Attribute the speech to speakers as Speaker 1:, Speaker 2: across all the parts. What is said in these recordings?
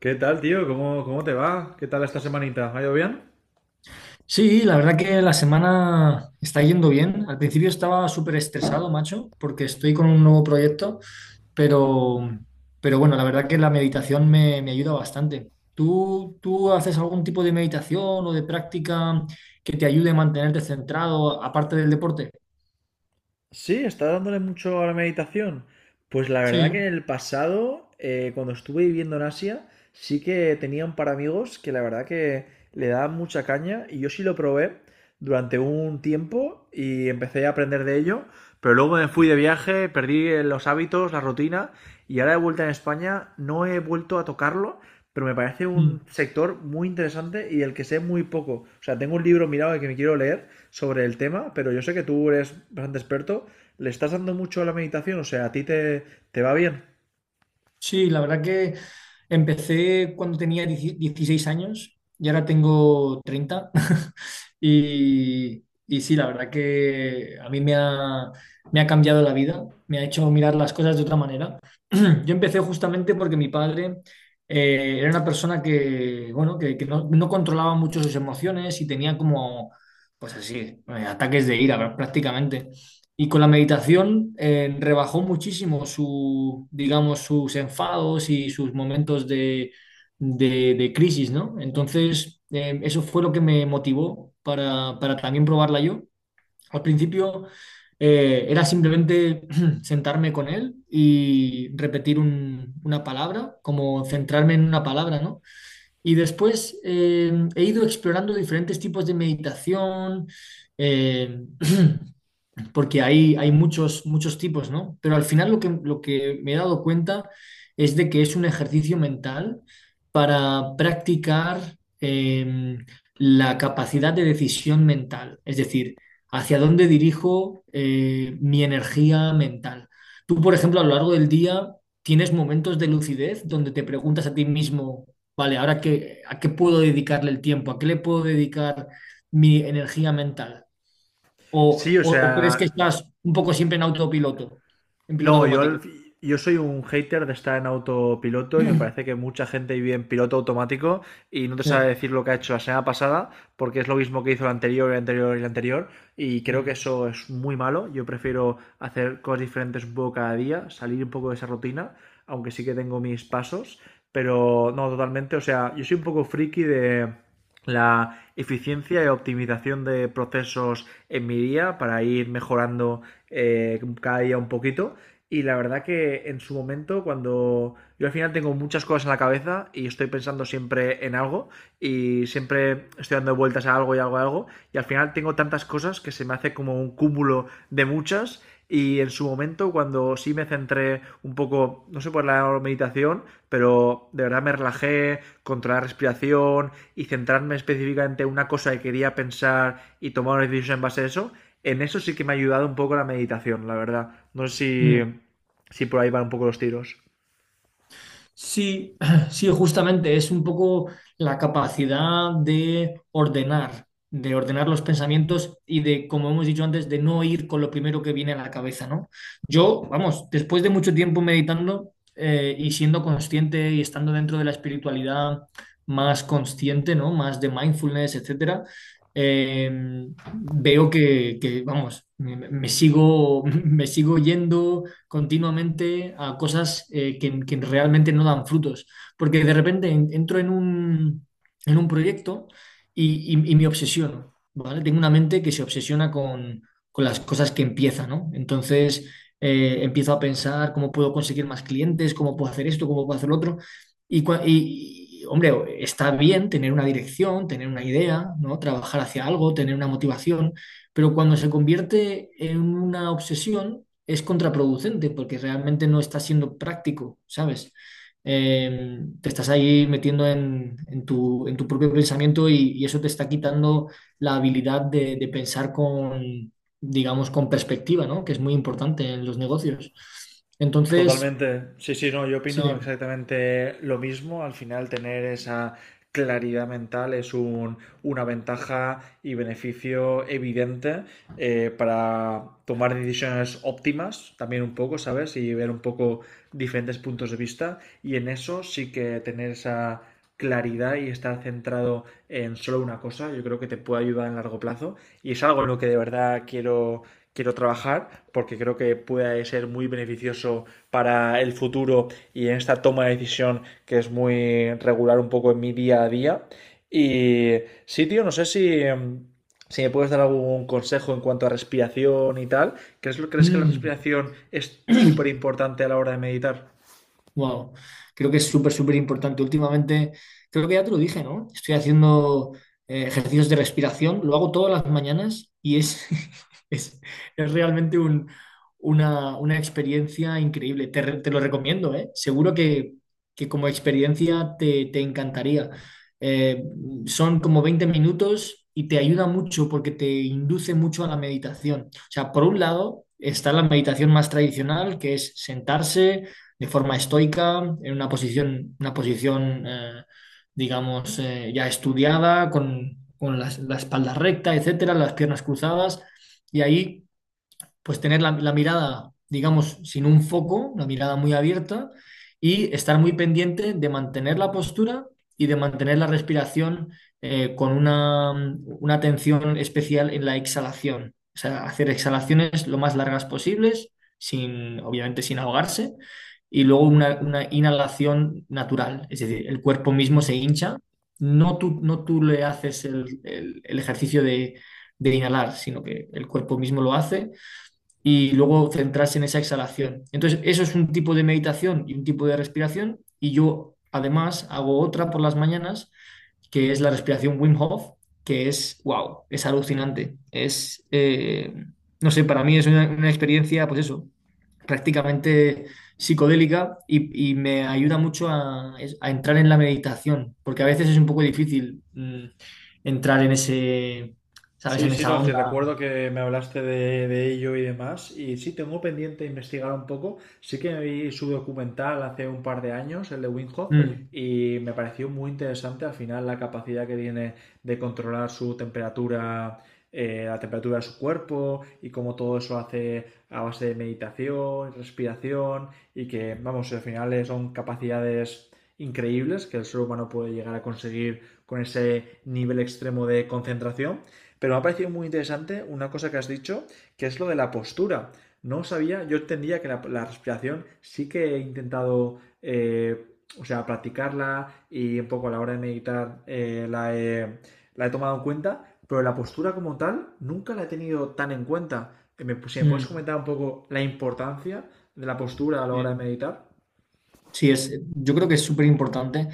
Speaker 1: ¿Qué tal, tío? ¿Cómo te va? ¿Qué tal esta semanita? ¿Ha ido bien?
Speaker 2: Sí, la verdad que la semana está yendo bien. Al principio estaba súper estresado, macho, porque estoy con un nuevo proyecto, pero, pero bueno, la verdad que la meditación me ayuda bastante. ¿Tú haces algún tipo de meditación o de práctica que te ayude a mantenerte centrado, aparte del deporte?
Speaker 1: Sí, está dándole mucho a la meditación. Pues la verdad que
Speaker 2: Sí.
Speaker 1: en el pasado, cuando estuve viviendo en Asia, sí que tenía un par de amigos que la verdad que le daban mucha caña y yo sí lo probé durante un tiempo y empecé a aprender de ello, pero luego me fui de viaje, perdí los hábitos, la rutina, y ahora de vuelta en España no he vuelto a tocarlo, pero me parece
Speaker 2: Mm.
Speaker 1: un sector muy interesante y el que sé muy poco. O sea, tengo un libro mirado que me quiero leer sobre el tema, pero yo sé que tú eres bastante experto. ¿Le estás dando mucho a la meditación? O sea, ¿a ti te, te va bien?
Speaker 2: Sí, la verdad que empecé cuando tenía 10 16 años y ahora tengo 30. Y sí, la verdad que a mí me ha cambiado la vida, me ha hecho mirar las cosas de otra manera. Yo empecé justamente porque mi padre era una persona que, bueno, que no controlaba mucho sus emociones y tenía como, pues así, ataques de ira prácticamente. Y con la meditación rebajó muchísimo su, digamos, sus enfados y sus momentos de crisis, ¿no? Entonces, eso fue lo que me motivó para también probarla yo. Al principio era simplemente sentarme con él y repetir una palabra, como centrarme en una palabra, ¿no? Y después he ido explorando diferentes tipos de meditación, eh, porque hay muchos, muchos tipos, ¿no? Pero al final lo que, me he dado cuenta es de que es un ejercicio mental para practicar, em, la capacidad de decisión mental, es decir, hacia dónde dirijo mi energía mental. Tú, por ejemplo, a lo largo del día tienes momentos de lucidez donde te preguntas a ti mismo, vale, ahora qué, a qué puedo dedicarle el tiempo, a qué le puedo dedicar mi energía mental. ¿O,
Speaker 1: Sí, o
Speaker 2: o crees que
Speaker 1: sea,
Speaker 2: estás un poco siempre en autopiloto, en piloto
Speaker 1: no, yo,
Speaker 2: automático?
Speaker 1: yo soy un hater de estar en autopiloto y me parece que mucha gente vive en piloto automático y no te sabe
Speaker 2: Sí.
Speaker 1: decir lo que ha hecho la semana pasada porque es lo mismo que hizo el anterior y el anterior, y creo que
Speaker 2: Mm,
Speaker 1: eso es muy malo. Yo prefiero hacer cosas diferentes un poco cada día, salir un poco de esa rutina, aunque sí que tengo mis pasos, pero no, totalmente. O sea, yo soy un poco friki de la eficiencia y optimización de procesos en mi día para ir mejorando cada día un poquito, y la verdad que en su momento, cuando yo al final tengo muchas cosas en la cabeza y estoy pensando siempre en algo y siempre estoy dando vueltas a algo y algo a algo y al final tengo tantas cosas que se me hace como un cúmulo de muchas, y en su momento cuando sí me centré un poco, no sé por la meditación, pero de verdad me relajé, controlé la respiración y centrarme específicamente en una cosa que quería pensar y tomar una decisión en base a eso, en eso sí que me ha ayudado un poco la meditación, la verdad. No
Speaker 2: mm.
Speaker 1: sé si, si por ahí van un poco los tiros.
Speaker 2: Sí, sí, justamente es un poco la capacidad de ordenar, los pensamientos y de, como hemos dicho antes, de no ir con lo primero que viene a la cabeza, ¿no? Yo, vamos, después de mucho tiempo meditando y siendo consciente y estando dentro de la espiritualidad más consciente, ¿no? Más de mindfulness, etcétera. eh, Veo vamos, me sigo, me sigo yendo continuamente a cosas que realmente no dan frutos. Porque de repente entro en un proyecto y, y me obsesiono, ¿vale? Tengo una mente que se obsesiona con las cosas que empieza, ¿no? Entonces, empiezo a pensar cómo puedo conseguir más clientes, cómo puedo hacer esto, cómo puedo hacer lo otro. Y, hombre, está bien tener una dirección, tener una idea, ¿no? Trabajar hacia algo, tener una motivación, pero cuando se convierte en una obsesión, es contraproducente porque realmente no estás siendo práctico, ¿sabes? Te estás ahí metiendo en tu propio pensamiento y eso te está quitando la habilidad de pensar con, digamos, con perspectiva, ¿no? Que es muy importante en los negocios. Entonces,
Speaker 1: Totalmente. Sí, sí, no, yo opino
Speaker 2: sí.
Speaker 1: exactamente lo mismo. Al final, tener esa claridad mental es una ventaja y beneficio evidente para tomar decisiones óptimas, también un poco, ¿sabes? Y ver un poco diferentes puntos de vista. Y en eso sí que tener esa claridad y estar centrado en solo una cosa, yo creo que te puede ayudar en largo plazo. Y es algo en lo que de verdad quiero quiero trabajar porque creo que puede ser muy beneficioso para el futuro y en esta toma de decisión que es muy regular un poco en mi día a día. Y sí, tío, no sé si, si me puedes dar algún consejo en cuanto a respiración y tal. ¿Crees que la
Speaker 2: Mm.
Speaker 1: respiración es súper importante a la hora de meditar?
Speaker 2: Wow, creo que es súper, súper importante. Últimamente, creo que ya te lo dije, ¿no? Estoy haciendo ejercicios de respiración, lo hago todas las mañanas y es, es, es realmente una experiencia increíble. Te lo recomiendo, ¿eh? Seguro que, como experiencia te encantaría. Eh, Son como 20 minutos y te ayuda mucho porque te induce mucho a la meditación. O sea, por un lado está la meditación más tradicional, que es sentarse de forma estoica, en una posición, digamos, ya estudiada, con, la espalda recta, etcétera, las piernas cruzadas, y ahí pues tener la, mirada, digamos, sin un foco, la mirada muy abierta y estar muy pendiente de mantener la postura y de mantener la respiración, con una atención especial en la exhalación. O sea, hacer exhalaciones lo más largas posibles, sin, obviamente sin ahogarse, y luego una inhalación natural, es decir, el cuerpo mismo se hincha. No tú le haces el ejercicio de inhalar, sino que el cuerpo mismo lo hace y luego centrarse en esa exhalación. Entonces, eso es un tipo de meditación y un tipo de respiración, y yo además hago otra por las mañanas, que es la respiración Wim Hof, que es, wow, es alucinante. Es, no sé, para mí es una experiencia, pues eso, prácticamente psicodélica, y me ayuda mucho a entrar en la meditación, porque a veces es un poco difícil entrar en ese, ¿sabes?
Speaker 1: Sí,
Speaker 2: En
Speaker 1: sí,
Speaker 2: esa
Speaker 1: no, sí,
Speaker 2: onda.
Speaker 1: recuerdo que me hablaste de ello y demás. Y sí, tengo pendiente investigar un poco. Sí que vi su documental hace un par de años, el de Winghoff,
Speaker 2: Mm,
Speaker 1: y me pareció muy interesante al final la capacidad que tiene de controlar su temperatura, la temperatura de su cuerpo y cómo todo eso hace a base de meditación, respiración, y que, vamos, al final son capacidades increíbles que el ser humano puede llegar a conseguir con ese nivel extremo de concentración, pero me ha parecido muy interesante una cosa que has dicho, que es lo de la postura. No sabía, yo entendía que la respiración sí que he intentado, o sea, practicarla y un poco a la hora de meditar la he tomado en cuenta, pero la postura como tal nunca la he tenido tan en cuenta. Si me puedes
Speaker 2: mm,
Speaker 1: comentar un poco la importancia de la postura a la hora de
Speaker 2: sí.
Speaker 1: meditar.
Speaker 2: Sí, yo creo que es súper importante.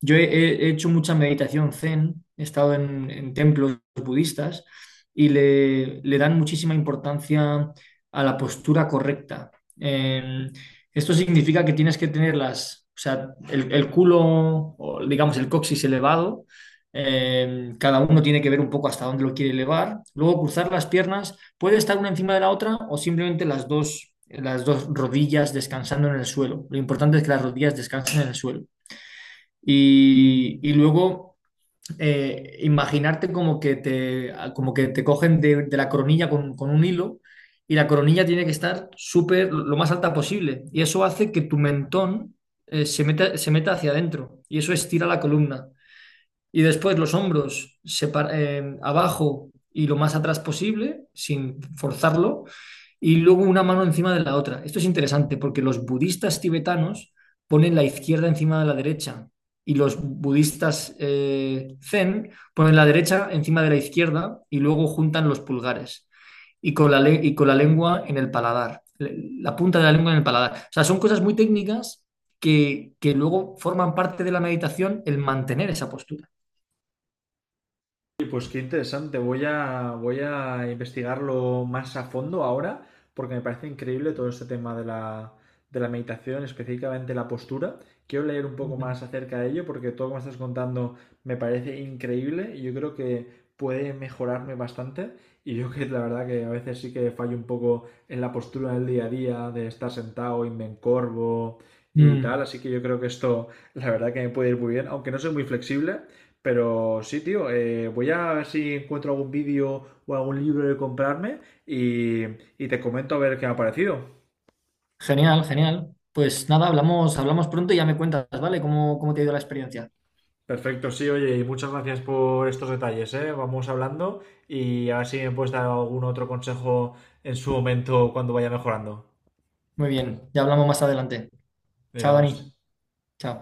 Speaker 2: Yo he hecho mucha meditación zen, he estado en templos budistas y le dan muchísima importancia a la postura correcta. Eh, Esto significa que tienes que tener o sea, el culo, o digamos, el coxis elevado. Cada uno tiene que ver un poco hasta dónde lo quiere elevar. Luego cruzar las piernas. Puede estar una encima de la otra, o simplemente las dos rodillas descansando en el suelo. Lo importante es que las rodillas descansen en el suelo. Y luego imaginarte como que te, cogen de la coronilla con un hilo, y la coronilla tiene que estar súper, lo más alta posible. Y eso hace que tu mentón, se meta, hacia adentro, y eso estira la columna. Y después los hombros abajo y lo más atrás posible, sin forzarlo, y luego una mano encima de la otra. Esto es interesante porque los budistas tibetanos ponen la izquierda encima de la derecha, y los budistas zen ponen la derecha encima de la izquierda, y luego juntan los pulgares y con la lengua en el paladar, la punta de la lengua en el paladar. O sea, son cosas muy técnicas que luego forman parte de la meditación el mantener esa postura.
Speaker 1: Y pues qué interesante, voy a, voy a investigarlo más a fondo ahora, porque me parece increíble todo este tema de la meditación, específicamente la postura. Quiero leer un poco
Speaker 2: Mm,
Speaker 1: más acerca de ello, porque todo lo que me estás contando me parece increíble y yo creo que puede mejorarme bastante. Y yo que la verdad que a veces sí que fallo un poco en la postura del día a día, de estar sentado y me encorvo y tal,
Speaker 2: mm.
Speaker 1: así que yo creo que esto la verdad que me puede ir muy bien, aunque no soy muy flexible, pero sí, tío, voy a ver si encuentro algún vídeo o algún libro de comprarme y, y te comento a ver qué me ha parecido.
Speaker 2: Genial, genial. Pues nada, hablamos, hablamos pronto y ya me cuentas, ¿vale? ¿Cómo te ha ido la experiencia?
Speaker 1: Perfecto, sí, oye, y muchas gracias por estos detalles, ¿eh? Vamos hablando y a ver si me puedes dar algún otro consejo en su momento cuando vaya mejorando.
Speaker 2: Muy bien, ya hablamos más adelante. Chao,
Speaker 1: Adiós.
Speaker 2: Dani. Chao.